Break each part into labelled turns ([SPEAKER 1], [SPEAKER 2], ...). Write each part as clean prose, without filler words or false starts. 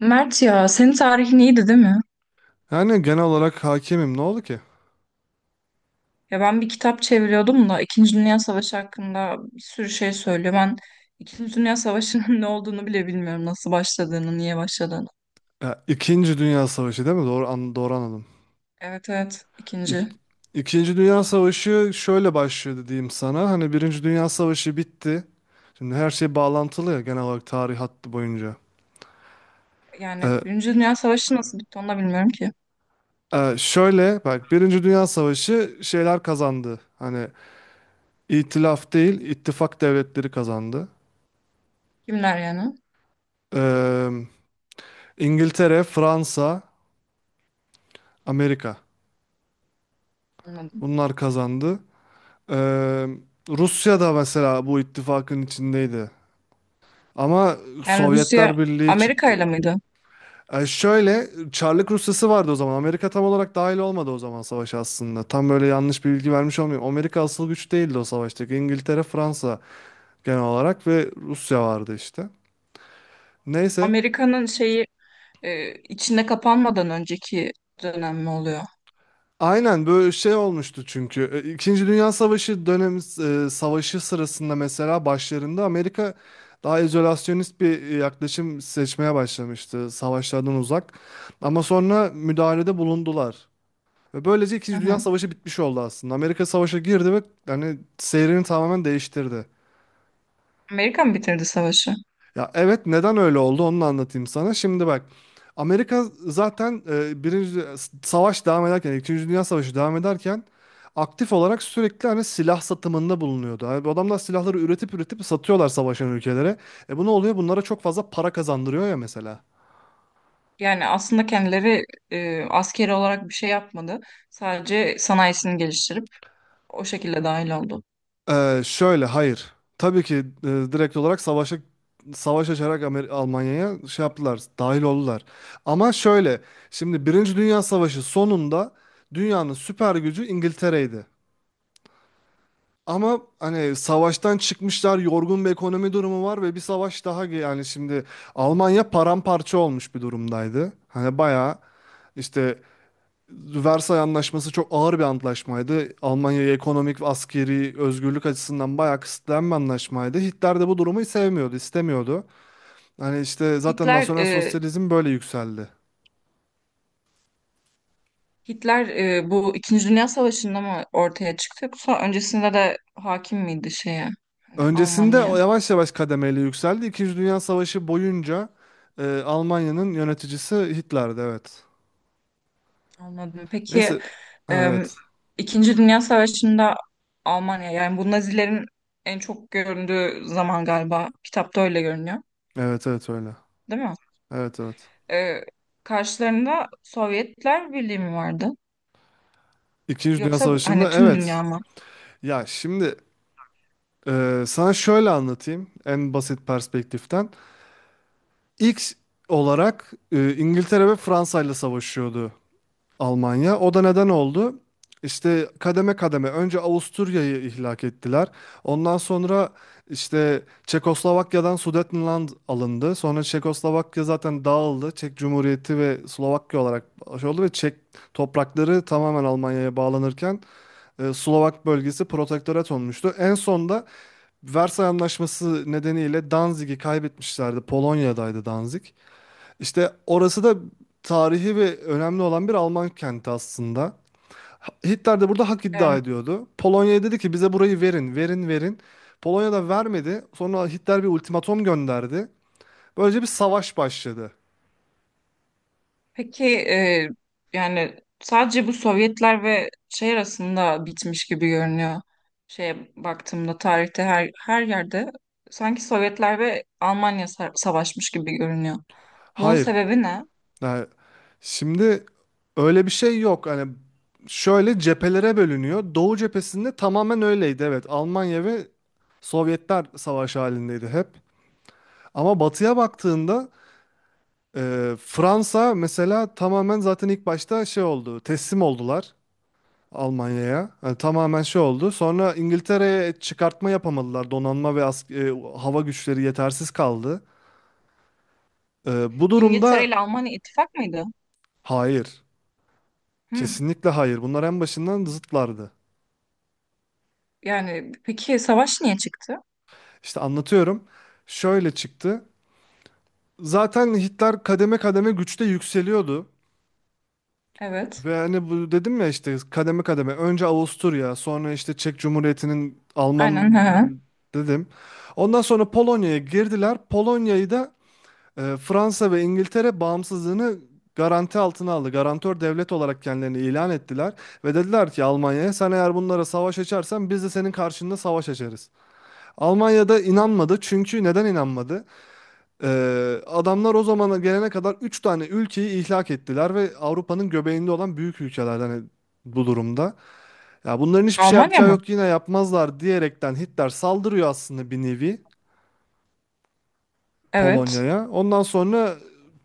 [SPEAKER 1] Mert ya senin tarihin iyiydi değil mi?
[SPEAKER 2] Yani genel olarak hakimim. Ne oldu ki?
[SPEAKER 1] Ya ben bir kitap çeviriyordum da İkinci Dünya Savaşı hakkında bir sürü şey söylüyor. Ben İkinci Dünya Savaşı'nın ne olduğunu bile bilmiyorum. Nasıl başladığını, niye başladığını.
[SPEAKER 2] Ya, İkinci Dünya Savaşı değil mi? Doğru anladım.
[SPEAKER 1] Evet, evet,
[SPEAKER 2] İk,
[SPEAKER 1] ikinci.
[SPEAKER 2] İkinci Dünya Savaşı şöyle başlıyor diyeyim sana. Hani Birinci Dünya Savaşı bitti. Şimdi her şey bağlantılı ya genel olarak tarih hattı boyunca.
[SPEAKER 1] Yani
[SPEAKER 2] Ee,
[SPEAKER 1] Birinci Dünya Savaşı nasıl bitti onu da bilmiyorum ki.
[SPEAKER 2] Şöyle bak Birinci Dünya Savaşı şeyler kazandı. Hani itilaf değil ittifak devletleri kazandı.
[SPEAKER 1] Kimler yani?
[SPEAKER 2] Ee, İngiltere, Fransa, Amerika.
[SPEAKER 1] Anladım.
[SPEAKER 2] Bunlar kazandı. Ee, Rusya da mesela bu ittifakın içindeydi. Ama
[SPEAKER 1] Yani Rusya
[SPEAKER 2] Sovyetler Birliği
[SPEAKER 1] Amerika
[SPEAKER 2] çıktı.
[SPEAKER 1] ile miydi?
[SPEAKER 2] Şöyle Çarlık Rusyası vardı o zaman. Amerika tam olarak dahil olmadı o zaman savaşa aslında. Tam böyle yanlış bir bilgi vermiş olmayayım. Amerika asıl güç değildi o savaştaki. İngiltere, Fransa genel olarak ve Rusya vardı işte. Neyse.
[SPEAKER 1] Amerika'nın şeyi içinde kapanmadan önceki dönem mi oluyor?
[SPEAKER 2] Aynen böyle şey olmuştu çünkü. E, İkinci Dünya Savaşı dönemi savaşı sırasında mesela başlarında Amerika daha izolasyonist bir yaklaşım seçmeye başlamıştı savaşlardan uzak. Ama sonra müdahalede bulundular. Ve böylece
[SPEAKER 1] Hı
[SPEAKER 2] İkinci
[SPEAKER 1] hı.
[SPEAKER 2] Dünya Savaşı bitmiş oldu aslında. Amerika savaşa girdi ve hani seyrini tamamen değiştirdi.
[SPEAKER 1] Amerika mı bitirdi savaşı?
[SPEAKER 2] Ya evet neden öyle oldu onu da anlatayım sana. Şimdi bak Amerika zaten savaş devam ederken İkinci Dünya Savaşı devam ederken aktif olarak sürekli hani silah satımında bulunuyordu. Abi, bu adamlar silahları üretip üretip satıyorlar savaşan ülkelere. E bu ne oluyor? Bunlara çok fazla para kazandırıyor ya mesela.
[SPEAKER 1] Yani aslında kendileri askeri olarak bir şey yapmadı. Sadece sanayisini geliştirip o şekilde dahil oldu.
[SPEAKER 2] Şöyle hayır. Tabii ki direkt olarak savaşa savaş açarak Almanya'ya şey yaptılar, dahil oldular. Ama şöyle, şimdi Birinci Dünya Savaşı sonunda dünyanın süper gücü İngiltere'ydi. Ama hani savaştan çıkmışlar, yorgun bir ekonomi durumu var ve bir savaş daha yani şimdi Almanya paramparça olmuş bir durumdaydı. Hani bayağı işte Versay Anlaşması çok ağır bir antlaşmaydı. Almanya'ya ekonomik ve askeri özgürlük açısından bayağı kısıtlayan bir anlaşmaydı. Hitler de bu durumu sevmiyordu, istemiyordu. Hani işte zaten
[SPEAKER 1] Hitler
[SPEAKER 2] nasyonel
[SPEAKER 1] e,
[SPEAKER 2] sosyalizm böyle yükseldi.
[SPEAKER 1] Hitler bu İkinci Dünya Savaşı'nda mı ortaya çıktı yoksa öncesinde de hakim miydi şeye? Hani
[SPEAKER 2] Öncesinde o
[SPEAKER 1] Almanya.
[SPEAKER 2] yavaş yavaş kademeli yükseldi. İkinci Dünya Savaşı boyunca Almanya'nın yöneticisi Hitler'di, evet.
[SPEAKER 1] Anladım. Peki
[SPEAKER 2] Neyse, ha,
[SPEAKER 1] em,
[SPEAKER 2] evet.
[SPEAKER 1] İkinci Dünya Savaşı'nda Almanya yani bu Nazilerin en çok göründüğü zaman galiba kitapta öyle görünüyor,
[SPEAKER 2] Evet, evet öyle.
[SPEAKER 1] değil mi?
[SPEAKER 2] Evet, evet.
[SPEAKER 1] E, Karşılarında Sovyetler Birliği mi vardı?
[SPEAKER 2] İkinci Dünya
[SPEAKER 1] Yoksa hani
[SPEAKER 2] Savaşı'nda
[SPEAKER 1] tüm dünya
[SPEAKER 2] evet.
[SPEAKER 1] mı?
[SPEAKER 2] Ya şimdi sana şöyle anlatayım en basit perspektiften. İlk olarak İngiltere ve Fransa ile savaşıyordu Almanya. O da neden oldu? İşte kademe kademe önce Avusturya'yı ihlak ettiler. Ondan sonra işte Çekoslovakya'dan Sudetenland alındı. Sonra Çekoslovakya zaten dağıldı. Çek Cumhuriyeti ve Slovakya olarak şey oldu ve Çek toprakları tamamen Almanya'ya bağlanırken Slovak bölgesi protektorat olmuştu. En son da Versay Anlaşması nedeniyle Danzig'i kaybetmişlerdi. Polonya'daydı Danzig. İşte orası da tarihi ve önemli olan bir Alman kenti aslında. Hitler de burada hak iddia
[SPEAKER 1] Em,
[SPEAKER 2] ediyordu. Polonya'ya dedi ki bize burayı verin, verin, verin. Polonya da vermedi. Sonra Hitler bir ultimatom gönderdi. Böylece bir savaş başladı.
[SPEAKER 1] peki yani sadece bu Sovyetler ve şey arasında bitmiş gibi görünüyor. Şeye baktığımda tarihte her yerde sanki Sovyetler ve Almanya savaşmış gibi görünüyor. Bunun
[SPEAKER 2] Hayır,
[SPEAKER 1] sebebi ne?
[SPEAKER 2] yani şimdi öyle bir şey yok. Hani şöyle cephelere bölünüyor. Doğu cephesinde tamamen öyleydi. Evet, Almanya ve Sovyetler savaş halindeydi hep. Ama batıya baktığında Fransa mesela tamamen zaten ilk başta şey oldu. Teslim oldular Almanya'ya. Yani tamamen şey oldu. Sonra İngiltere'ye çıkartma yapamadılar. Donanma ve hava güçleri yetersiz kaldı. Bu
[SPEAKER 1] İngiltere
[SPEAKER 2] durumda
[SPEAKER 1] ile Almanya ittifak mıydı?
[SPEAKER 2] hayır.
[SPEAKER 1] Hı.
[SPEAKER 2] Kesinlikle hayır. Bunlar en başından zıtlardı.
[SPEAKER 1] Yani peki savaş niye çıktı?
[SPEAKER 2] İşte anlatıyorum. Şöyle çıktı. Zaten Hitler kademe kademe güçte yükseliyordu.
[SPEAKER 1] Evet.
[SPEAKER 2] Ve hani bu dedim ya işte kademe kademe önce Avusturya sonra işte Çek Cumhuriyeti'nin Alman
[SPEAKER 1] Aynen. Hı hı.
[SPEAKER 2] dedim. Ondan sonra Polonya'ya girdiler. Polonya'yı da Fransa ve İngiltere bağımsızlığını garanti altına aldı. Garantör devlet olarak kendilerini ilan ettiler ve dediler ki Almanya'ya sen eğer bunlara savaş açarsan biz de senin karşında savaş açarız. Almanya'da inanmadı çünkü neden inanmadı? Adamlar o zamana gelene kadar 3 tane ülkeyi ihlak ettiler ve Avrupa'nın göbeğinde olan büyük ülkeler hani bu durumda. Ya bunların hiçbir şey
[SPEAKER 1] Almanya
[SPEAKER 2] yapacağı
[SPEAKER 1] mı?
[SPEAKER 2] yok yine yapmazlar diyerekten Hitler saldırıyor aslında bir nevi
[SPEAKER 1] Evet.
[SPEAKER 2] Polonya'ya. Ondan sonra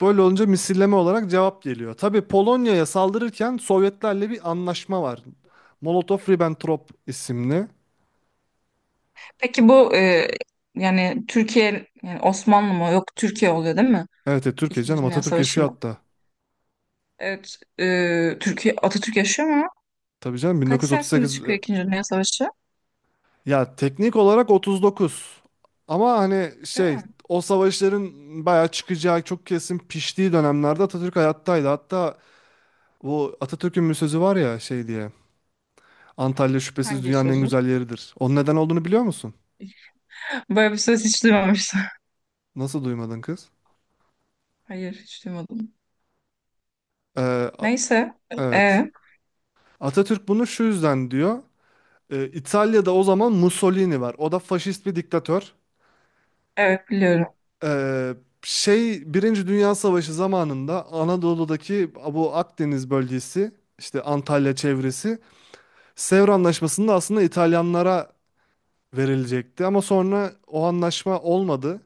[SPEAKER 2] böyle olunca misilleme olarak cevap geliyor. Tabii Polonya'ya saldırırken Sovyetlerle bir anlaşma var. Molotov-Ribbentrop isimli.
[SPEAKER 1] Peki bu yani Türkiye yani Osmanlı mı? Yok Türkiye oluyor değil mi?
[SPEAKER 2] Evet, evet Türkiye
[SPEAKER 1] İkinci
[SPEAKER 2] canım
[SPEAKER 1] Dünya
[SPEAKER 2] Atatürk yaşıyor
[SPEAKER 1] Savaşı'nda.
[SPEAKER 2] hatta.
[SPEAKER 1] Evet. Türkiye Atatürk yaşıyor mu?
[SPEAKER 2] Tabii canım
[SPEAKER 1] Kaç senesinde
[SPEAKER 2] 1938.
[SPEAKER 1] çıkıyor İkinci Dünya Savaşı?
[SPEAKER 2] Ya teknik olarak 39. Ama hani
[SPEAKER 1] Değil
[SPEAKER 2] şey
[SPEAKER 1] mi?
[SPEAKER 2] o savaşların bayağı çıkacağı çok kesin piştiği dönemlerde Atatürk hayattaydı. Hatta bu Atatürk'ün bir sözü var ya şey diye. Antalya şüphesiz
[SPEAKER 1] Hangi
[SPEAKER 2] dünyanın en
[SPEAKER 1] sözü?
[SPEAKER 2] güzel yeridir. Onun neden olduğunu biliyor musun?
[SPEAKER 1] Böyle bir söz hiç duymamıştım.
[SPEAKER 2] Nasıl duymadın kız?
[SPEAKER 1] Hayır, hiç duymadım.
[SPEAKER 2] Ee, a-
[SPEAKER 1] Neyse.
[SPEAKER 2] evet.
[SPEAKER 1] E,
[SPEAKER 2] Atatürk bunu şu yüzden diyor. İtalya'da o zaman Mussolini var. O da faşist bir diktatör.
[SPEAKER 1] evet, biliyorum.
[SPEAKER 2] Ee, Şey Birinci Dünya Savaşı zamanında Anadolu'daki bu Akdeniz bölgesi işte Antalya çevresi Sevr Anlaşması'nda aslında İtalyanlara verilecekti ama sonra o anlaşma olmadı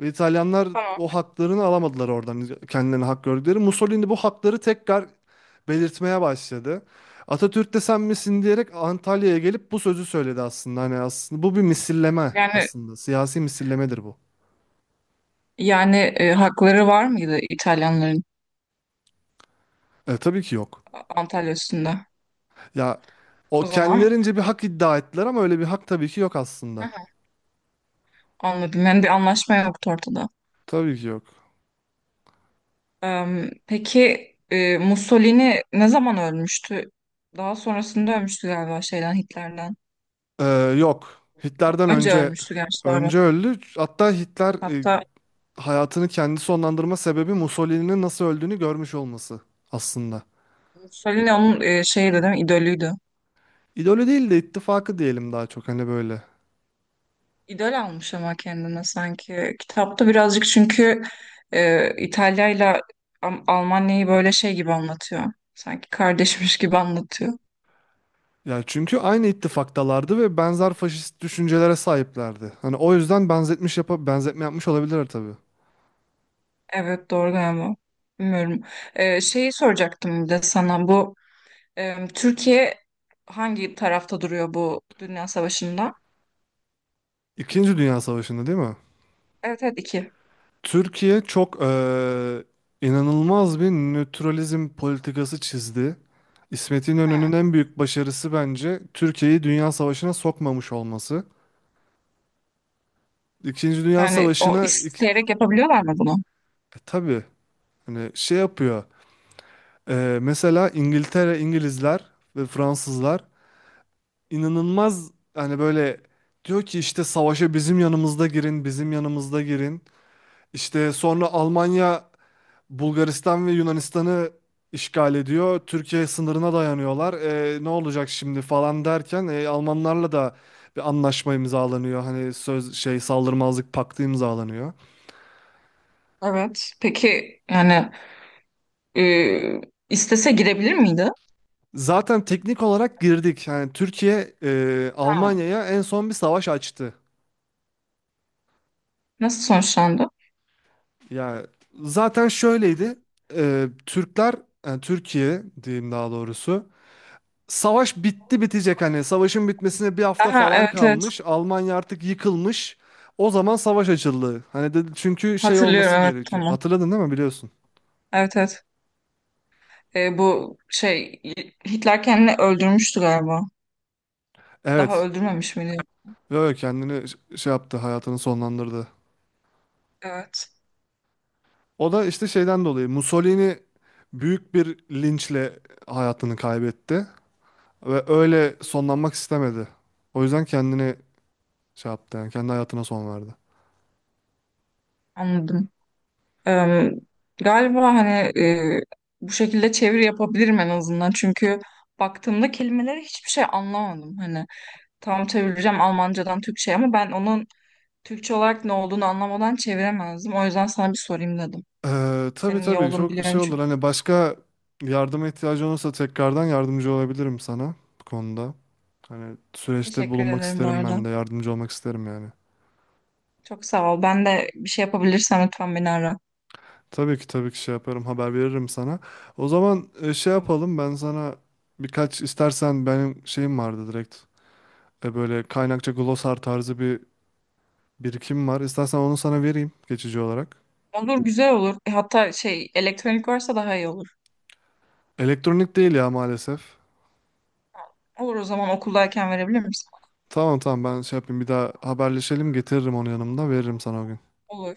[SPEAKER 2] ve İtalyanlar
[SPEAKER 1] Tamam.
[SPEAKER 2] o haklarını alamadılar oradan kendilerine hak gördükleri. Mussolini bu hakları tekrar belirtmeye başladı. Atatürk de sen misin diyerek Antalya'ya gelip bu sözü söyledi aslında. Hani aslında bu bir misilleme
[SPEAKER 1] Yani
[SPEAKER 2] aslında. Siyasi misillemedir bu.
[SPEAKER 1] yani, hakları var mıydı İtalyanların?
[SPEAKER 2] E, tabii ki yok.
[SPEAKER 1] Antalya üstünde.
[SPEAKER 2] Ya o
[SPEAKER 1] O zaman,
[SPEAKER 2] kendilerince bir hak iddia ettiler ama öyle bir hak tabii ki yok
[SPEAKER 1] hı
[SPEAKER 2] aslında.
[SPEAKER 1] hı, anladım. Yani bir anlaşma yoktu ortada.
[SPEAKER 2] Tabii ki yok.
[SPEAKER 1] Peki Mussolini ne zaman ölmüştü? Daha sonrasında ölmüştü galiba şeyden, Hitler'den.
[SPEAKER 2] Ee, Yok. Hitler'den
[SPEAKER 1] Önce
[SPEAKER 2] önce
[SPEAKER 1] ölmüştü gerçi, sonra.
[SPEAKER 2] önce öldü. Hatta Hitler
[SPEAKER 1] Hatta
[SPEAKER 2] hayatını kendi sonlandırma sebebi Mussolini'nin nasıl öldüğünü görmüş olması aslında.
[SPEAKER 1] Mussolini onun şeyi de değil mi? İdolüydü.
[SPEAKER 2] İdolü değil de ittifakı diyelim daha çok hani böyle.
[SPEAKER 1] İdol almış ama kendine sanki. Kitapta birazcık çünkü İtalya'yla Almanya'yı böyle şey gibi anlatıyor. Sanki kardeşmiş gibi anlatıyor.
[SPEAKER 2] Ya çünkü aynı ittifaktalardı ve benzer faşist düşüncelere sahiplerdi. Hani o yüzden benzetmiş yapa benzetme yapmış olabilir tabii.
[SPEAKER 1] Evet, doğru galiba. Bilmiyorum. Şeyi soracaktım bir de sana, bu Türkiye hangi tarafta duruyor bu Dünya Savaşı'nda?
[SPEAKER 2] İkinci Dünya Savaşı'nda değil mi?
[SPEAKER 1] Evet, evet, iki.
[SPEAKER 2] Türkiye çok inanılmaz bir nötralizm politikası çizdi. İsmet
[SPEAKER 1] Ha.
[SPEAKER 2] İnönü'nün en büyük başarısı bence Türkiye'yi Dünya Savaşı'na sokmamış olması. İkinci Dünya
[SPEAKER 1] Yani o
[SPEAKER 2] Savaşı'na
[SPEAKER 1] isteyerek yapabiliyorlar mı bunu?
[SPEAKER 2] tabii hani şey yapıyor. Mesela İngiltere, İngilizler ve Fransızlar inanılmaz hani böyle diyor ki işte savaşa bizim yanımızda girin, bizim yanımızda girin. İşte sonra Almanya Bulgaristan ve Yunanistan'ı işgal ediyor. Türkiye sınırına dayanıyorlar. E, ne olacak şimdi falan derken Almanlarla da bir anlaşma imzalanıyor. Hani söz şey saldırmazlık paktı imzalanıyor.
[SPEAKER 1] Evet. Peki yani e, istese girebilir miydi?
[SPEAKER 2] Zaten teknik olarak girdik. Yani Türkiye
[SPEAKER 1] Ha.
[SPEAKER 2] Almanya'ya en son bir savaş açtı.
[SPEAKER 1] Nasıl sonuçlandı?
[SPEAKER 2] Ya zaten şöyleydi. E, Türkler yani Türkiye diyeyim daha doğrusu. Savaş bitti bitecek hani savaşın bitmesine bir hafta
[SPEAKER 1] Aha,
[SPEAKER 2] falan
[SPEAKER 1] evet, evet,
[SPEAKER 2] kalmış. Almanya artık yıkılmış. O zaman savaş açıldı. Hani dedi çünkü şey
[SPEAKER 1] hatırlıyorum,
[SPEAKER 2] olması
[SPEAKER 1] evet,
[SPEAKER 2] gerekiyor.
[SPEAKER 1] tamam.
[SPEAKER 2] Hatırladın değil mi biliyorsun?
[SPEAKER 1] Evet, evet. Bu şey Hitler kendini öldürmüştü galiba. Daha
[SPEAKER 2] Evet.
[SPEAKER 1] öldürmemiş miydi?
[SPEAKER 2] Böyle kendini şey yaptı hayatını sonlandırdı.
[SPEAKER 1] Evet.
[SPEAKER 2] O da işte şeyden dolayı Mussolini büyük bir linçle hayatını kaybetti. Ve öyle sonlanmak istemedi. O yüzden kendini şey yaptı yani kendi hayatına son verdi.
[SPEAKER 1] Anladım. Eee, Galiba hani bu şekilde çeviri yapabilirim en azından. Çünkü baktığımda kelimelere hiçbir şey anlamadım. Hani tam çevireceğim Almancadan Türkçe'ye ama ben onun Türkçe olarak ne olduğunu anlamadan çeviremezdim. O yüzden sana bir sorayım dedim.
[SPEAKER 2] Tabii
[SPEAKER 1] Senin iyi
[SPEAKER 2] tabii
[SPEAKER 1] olduğunu
[SPEAKER 2] çok
[SPEAKER 1] biliyorum
[SPEAKER 2] şey olur
[SPEAKER 1] çünkü.
[SPEAKER 2] hani başka yardıma ihtiyacı olursa tekrardan yardımcı olabilirim sana bu konuda. Hani süreçte
[SPEAKER 1] Teşekkür
[SPEAKER 2] bulunmak
[SPEAKER 1] ederim bu
[SPEAKER 2] isterim
[SPEAKER 1] arada.
[SPEAKER 2] ben de yardımcı olmak isterim yani.
[SPEAKER 1] Çok sağ ol. Ben de bir şey yapabilirsem lütfen beni ara.
[SPEAKER 2] Tabii ki tabii ki şey yaparım haber veririm sana. O zaman şey
[SPEAKER 1] Tamam.
[SPEAKER 2] yapalım ben sana birkaç istersen benim şeyim vardı direkt. E, böyle kaynakça glosar tarzı bir birikim var. İstersen onu sana vereyim geçici olarak.
[SPEAKER 1] Olur, güzel olur. Hatta şey, elektronik varsa daha iyi olur.
[SPEAKER 2] Elektronik değil ya maalesef.
[SPEAKER 1] Olur, o zaman okuldayken verebilir misin?
[SPEAKER 2] Tamam tamam ben şey yapayım bir daha haberleşelim getiririm onu yanımda veririm sana o gün.
[SPEAKER 1] Olur.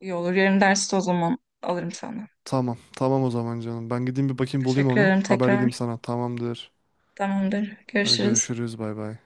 [SPEAKER 1] İyi olur. Yarın derste o zaman alırım sana.
[SPEAKER 2] Tamam. Tamam o zaman canım. Ben gideyim bir bakayım bulayım
[SPEAKER 1] Teşekkür
[SPEAKER 2] onu.
[SPEAKER 1] ederim
[SPEAKER 2] Haber edeyim
[SPEAKER 1] tekrar.
[SPEAKER 2] sana. Tamamdır.
[SPEAKER 1] Tamamdır.
[SPEAKER 2] Hadi
[SPEAKER 1] Görüşürüz.
[SPEAKER 2] görüşürüz. Bay bay.